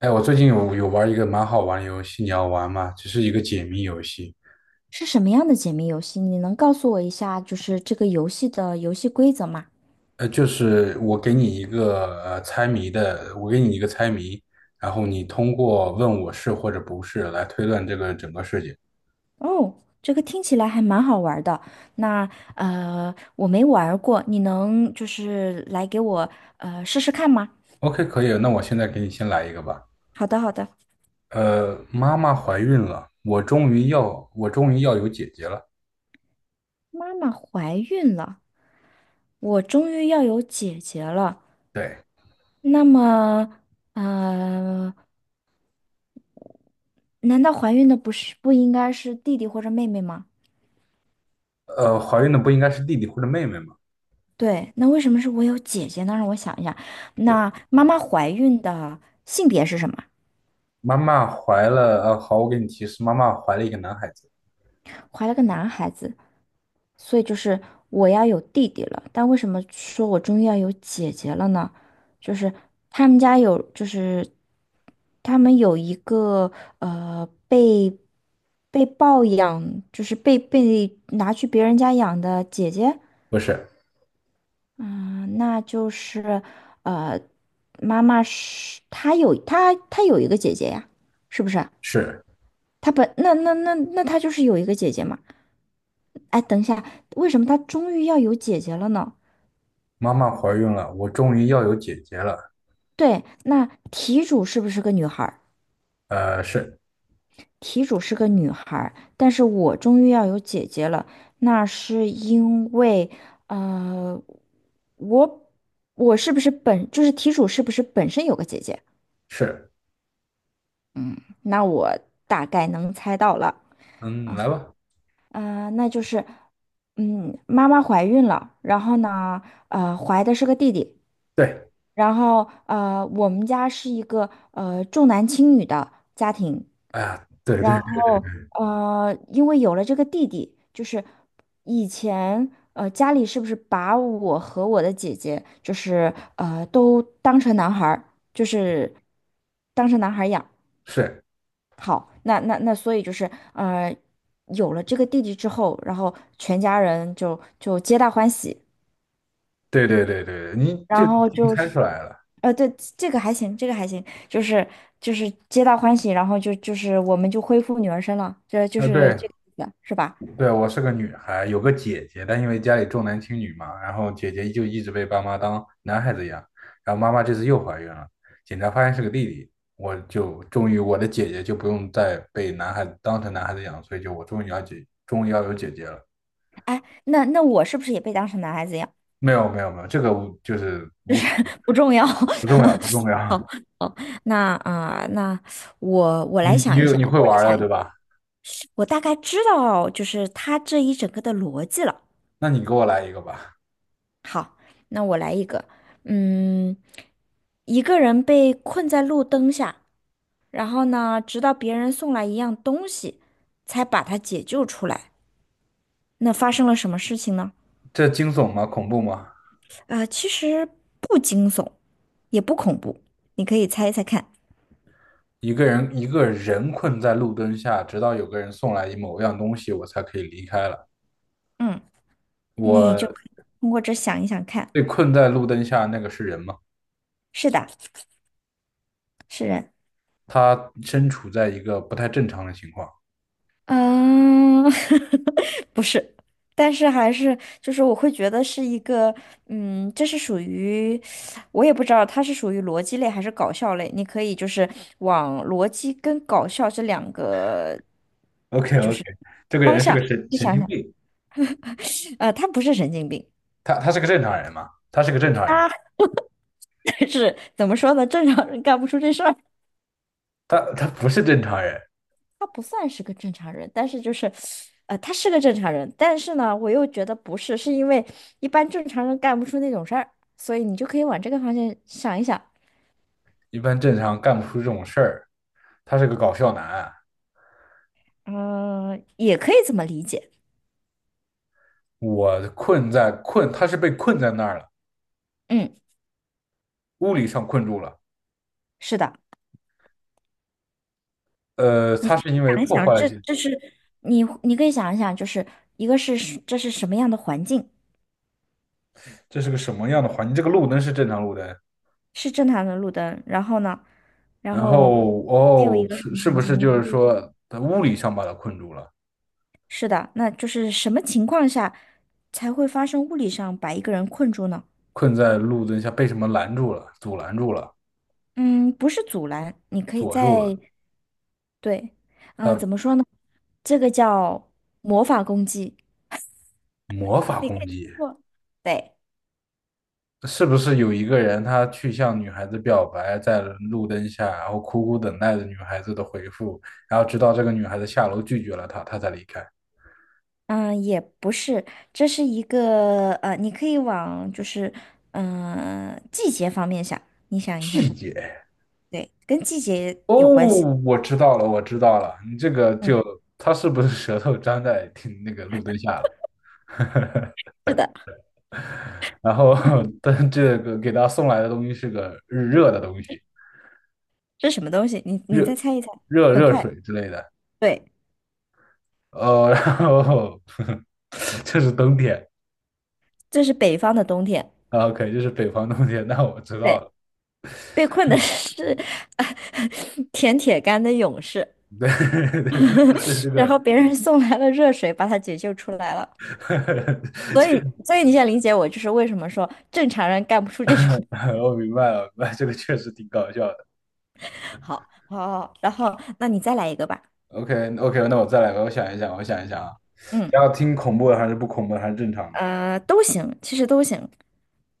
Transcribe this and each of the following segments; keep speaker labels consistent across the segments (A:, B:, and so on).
A: 哎，我最近有玩一个蛮好玩的游戏，你要玩吗？只是一个解谜游戏，
B: 是什么样的解谜游戏？你能告诉我一下，就是这个游戏的游戏规则吗？
A: 就是我给你一个猜谜的，我给你一个猜谜，然后你通过问我是或者不是来推断这个整个事情。
B: 哦，这个听起来还蛮好玩儿的。那我没玩儿过，你能就是来给我试试看吗？
A: OK，可以，那我现在给你先来一个吧。
B: 好的，好的。
A: 妈妈怀孕了，我终于要有姐姐了。
B: 妈妈怀孕了，我终于要有姐姐了。
A: 对，
B: 那么呃，难道怀孕的不应该是弟弟或者妹妹吗？
A: 怀孕的不应该是弟弟或者妹妹吗？
B: 对，那为什么是我有姐姐呢？让我想一下，那妈妈怀孕的性别是什么？
A: 妈妈怀了，呃，好，我给你提示，妈妈怀了一个男孩子，
B: 怀了个男孩子，所以就是我要有弟弟了。但为什么说我终于要有姐姐了呢？就是他们家有，就是他们有一个呃被被抱养，就是被拿去别人家养的姐姐，
A: 不是，
B: 嗯，那就是，呃，妈妈是她有一个姐姐呀，是不是？
A: 是。
B: 她本那那那那她就是有一个姐姐嘛。哎，等一下，为什么她终于要有姐姐了呢？
A: 妈妈怀孕了，我终于要有姐姐了。
B: 对，那题主是不是个女孩儿？
A: 呃，是
B: 题主是个女孩儿，但是我终于要有姐姐了，那是因为，呃，我我是不是本就是题主是不是本身有个姐姐？
A: 是，
B: 那我大概能猜到了。
A: 嗯，来吧。
B: 啊、那就是，妈妈怀孕了，然后呢，怀的是个弟弟，
A: 对，
B: 然后我们家是一个重男轻女的家庭，
A: 哎呀，对
B: 然后因为有了这个弟弟，就是以前家里是不是把我和我的姐姐就是都当成男孩儿，就是当成男孩儿养。
A: 是，
B: 好，那，所以就是，有了这个弟弟之后，然后全家人就皆大欢喜，
A: 对，你就
B: 然
A: 已
B: 后
A: 经
B: 就
A: 猜
B: 是，
A: 出来了。
B: 对，这个还行，这个还行，就是皆大欢喜，然后就是我们就恢复女儿身了，这就
A: 啊，
B: 是
A: 对
B: 这个意思，是吧？
A: 对，我是个女孩，有个姐姐，但因为家里重男轻女嘛，然后姐姐就一直被爸妈当男孩子养，然后妈妈这次又怀孕了，检查发现是个弟弟，我就终于我的姐姐就不用再被男孩子当成男孩子养，所以就我终于要姐，终于要有姐姐了。
B: 哎，那我是不是也被当成男孩子一样？
A: 没有，这个无就是无所。
B: 不重要。
A: 不重要，不重要。
B: 哦，那啊、呃那我
A: 你
B: 来
A: 你
B: 想一
A: 有
B: 下，
A: 会
B: 我来
A: 玩了，
B: 想一，
A: 对吧？
B: 我大概知道就是他这一整个的逻辑了。
A: 那你给我来一个吧。
B: 好，那我来一个，嗯，一个人被困在路灯下，然后呢，直到别人送来一样东西，才把他解救出来。那发生了什么事情呢？
A: 这惊悚吗？恐怖吗？
B: 其实不惊悚，也不恐怖，你可以猜一猜看。
A: 一个人困在路灯下，直到有个人送来某样东西，我才可以离开了。
B: 嗯，你就
A: 我
B: 可以通过这想一想看。
A: 被困在路灯下，那个是人吗？
B: 是的，是人。
A: 他身处在一个不太正常的情况。
B: 嗯，不是，但是还是就是我会觉得是一个，这是属于，我也不知道它是属于逻辑类还是搞笑类，你可以就是往逻辑跟搞笑这两个
A: OK，这个
B: 方
A: 人是
B: 向
A: 个
B: 去
A: 神
B: 想
A: 经
B: 想，
A: 病。
B: 他不是神经病，
A: 他是个正常人吗？他是个正常人，
B: 是怎么说呢？正常人干不出这事儿。
A: 他不是正常人。
B: 他不算是个正常人，但是就是，他是个正常人，但是呢，我又觉得不是，是因为一般正常人干不出那种事儿，所以你就可以往这个方向想一想，
A: 一般正常干不出这种事儿。他是个搞笑男，
B: 嗯、也可以这么理解，
A: 我困在困，他是被困在那儿了，
B: 嗯，
A: 物理上困住了。
B: 是的，
A: 他是因为
B: 想一
A: 破
B: 想，
A: 坏了一
B: 这
A: 些
B: 这是你可以想一想，就是一个是是这是什么样的环境，
A: 这是个什么样的环境？这个路灯是正常路灯，
B: 是正常的路灯，然后呢，然
A: 然
B: 后
A: 后
B: 还有一个什么
A: 是
B: 环
A: 不
B: 境，
A: 是
B: 你
A: 就
B: 可
A: 是
B: 以，
A: 说他物理上把他困住了，
B: 是的，那就是什么情况下才会发生物理上把一个人困住呢？
A: 困在路灯下被什么拦住了，阻拦住了，
B: 嗯，不是阻拦，你可以
A: 锁住了？
B: 在，对，啊，
A: 他
B: 怎么说呢？这个叫魔法攻击，
A: 魔法
B: 你
A: 攻
B: 可以
A: 击
B: 通过，对，
A: 是不是有一个人他去向女孩子表白，在路灯下，然后苦苦等待着女孩子的回复，然后直到这个女孩子下楼拒绝了他，他才离开。
B: 嗯，也不是，这是一个你可以往就是，季节方面想，你想一想，
A: 拒绝。
B: 对，跟季节
A: 哦，
B: 有关系。
A: 我知道了，你这个
B: 嗯，
A: 就他是不是舌头粘在挺那个路灯下了？
B: 是的，
A: 然后，但这个给他送来的东西是个热的东西，
B: 这是什么东西？你
A: 热
B: 再猜一猜，很
A: 热
B: 快，
A: 水之类的。
B: 对，
A: 然后 这是冬天
B: 这是北方的冬天，
A: 啊，OK，这是北方冬天，那我知道
B: 对，
A: 了。
B: 被困的是 舔铁杆的勇士。
A: 对 对，这
B: 然
A: 个
B: 后别人送来了热水，把他解救出来了。所
A: 这
B: 以，
A: 个
B: 所以你现在理解我，就是为什么说正常人干不出这种。
A: 我明白了，明白，这个确实挺搞笑的。
B: 好，好，好，然后那你再来一个吧。
A: OK，那我再来吧，我想一想啊，
B: 嗯，
A: 要听恐怖的还是不恐怖的还是正常的
B: 都行，其实都行。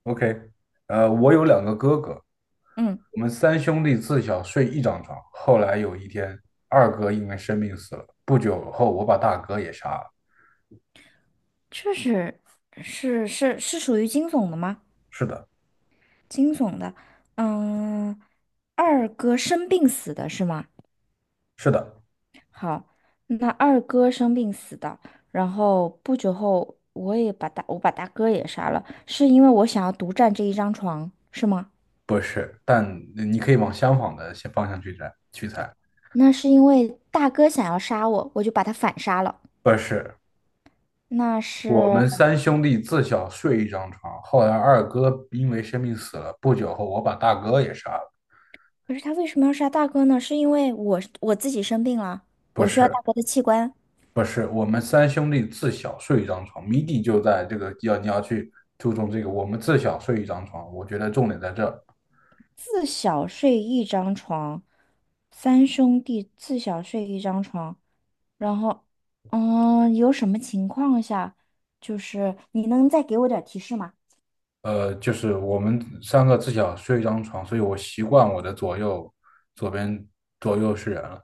A: ？OK，我有两个哥哥，
B: 嗯，
A: 我们三兄弟自小睡一张床，后来有一天，二哥因为生病死了，不久后我把大哥也杀了。
B: 这是属于惊悚的吗？
A: 是的，
B: 惊悚的。嗯，二哥生病死的是吗？
A: 是的，
B: 好，那二哥生病死的，然后不久后我也把大哥也杀了，是因为我想要独占这一张床，是吗？
A: 不是，但你可以往相反的方向去猜，去猜，
B: 那是因为大哥想要杀我，我就把他反杀了。
A: 不是。
B: 那
A: 我
B: 是，
A: 们三兄弟自小睡一张床，后来二哥因为生病死了，不久后我把大哥也杀了。
B: 可是他为什么要杀大哥呢？是因为我自己生病了，
A: 不
B: 我需要
A: 是，
B: 大哥的器官。
A: 不是，我们三兄弟自小睡一张床，谜底就在这个要去注重这个，我们自小睡一张床，我觉得重点在这儿，
B: 自小睡一张床，三兄弟自小睡一张床。然后，有什么情况下，就是你能再给我点儿提示吗？
A: 就是我们三个自小睡一张床，所以我习惯我的左边左右是人了，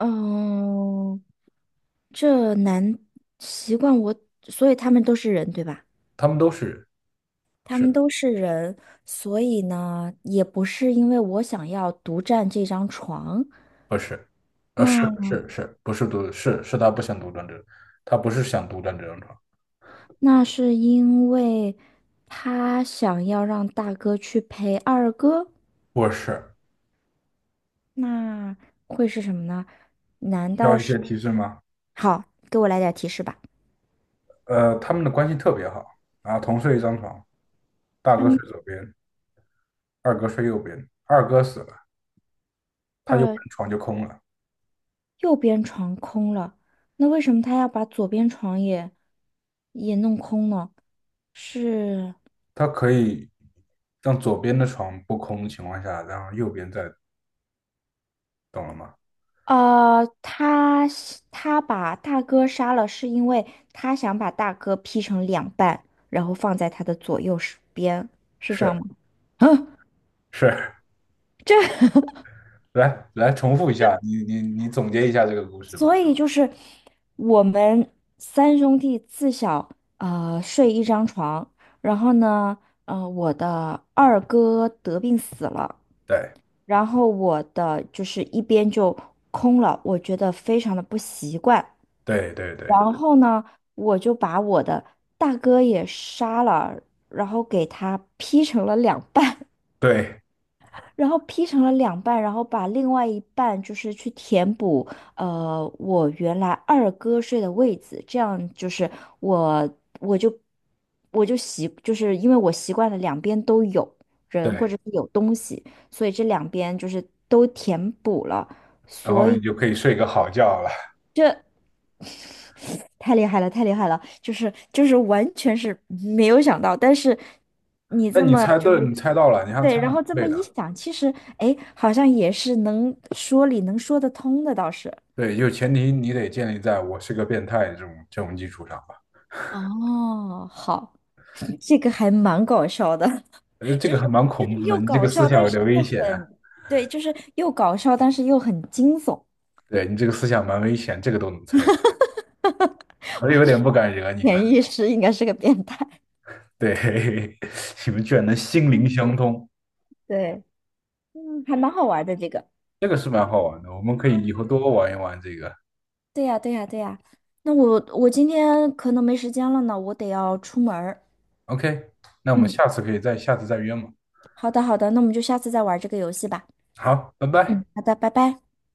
B: 嗯，这难习惯我，所以他们都是人，对吧？
A: 他们都是人，
B: 他们
A: 是
B: 都是人，所以呢，也不是因为我想要独占这张床，
A: 不是？是是
B: 那
A: 是，不是独是是他不想独占这，他不是想独占这张床，
B: 那是因为他想要让大哥去陪二哥，
A: 不是，
B: 那会是什么呢？
A: 需要一些提示吗？
B: 好，给我来点提示吧。
A: 他们的关系特别好，然后同睡一张床，大
B: 他
A: 哥睡
B: 们。
A: 左边，二哥睡右边，二哥死了，他右边的床就空了。
B: 右边床空了，那为什么他要把左边床也弄空呢？是，
A: 他可以让左边的床不空的情况下，然后右边再，懂了吗？
B: 呃，他他把大哥杀了，是因为他想把大哥劈成两半，然后放在他的左右手边，是这样吗？
A: 是
B: 啊，
A: 是，
B: 这，
A: 来重复一下，你总结一下这个故事吧。
B: 所以就是我们三兄弟自小睡一张床，然后呢，我的二哥得病死了。
A: 对
B: 然后我的就是一边就空了，我觉得非常的不习惯。
A: 对对对
B: 然后呢，我就把我的大哥也杀了，然后给他劈成了两半。
A: 对
B: 然后劈成了两半，然后把另外一半就是去填补，我原来二哥睡的位子，这样就是我我就我就习，就是因为我习惯了两边都有人或者
A: 对，
B: 是有东西，所以这两边就是都填补了，
A: 然后
B: 所
A: 你
B: 以。
A: 就可以睡个好觉了。
B: 这。太厉害了，太厉害了！就是完全是没有想到，但是你
A: 那
B: 这
A: 你
B: 么
A: 猜
B: 就
A: 对，
B: 是
A: 你猜到了，你还
B: 对，
A: 猜的
B: 然后
A: 蛮
B: 这么
A: 对
B: 一
A: 的。
B: 想，其实哎，好像也是能说得通的，倒是。
A: 对，就前提你得建立在我是个变态这种基础上吧。
B: 哦，好 这个还蛮搞笑的，
A: 这
B: 就
A: 个
B: 是
A: 还蛮
B: 就是
A: 恐怖的，
B: 又
A: 你这个
B: 搞
A: 思
B: 笑，
A: 想
B: 但
A: 有
B: 是
A: 点危
B: 又
A: 险啊
B: 很对，就是又搞笑，但是又很惊悚。
A: 对你这个思想蛮危险，这个都能猜到。我有点不敢惹你了。
B: 潜意识应该是个变态。
A: 对，你们居然能心灵
B: 嗯，
A: 相通，
B: 对，还蛮好玩的这个。
A: 这个是蛮好玩的。我们可以以后多玩一玩这个。
B: 对呀，对呀，对呀。那我今天可能没时间了呢，我得要出门儿。
A: OK,那我们
B: 嗯，
A: 下次可以下次再约嘛。
B: 好的，好的，那我们就下次再玩这个游戏吧。
A: 好，拜拜。
B: 嗯，好的，拜拜。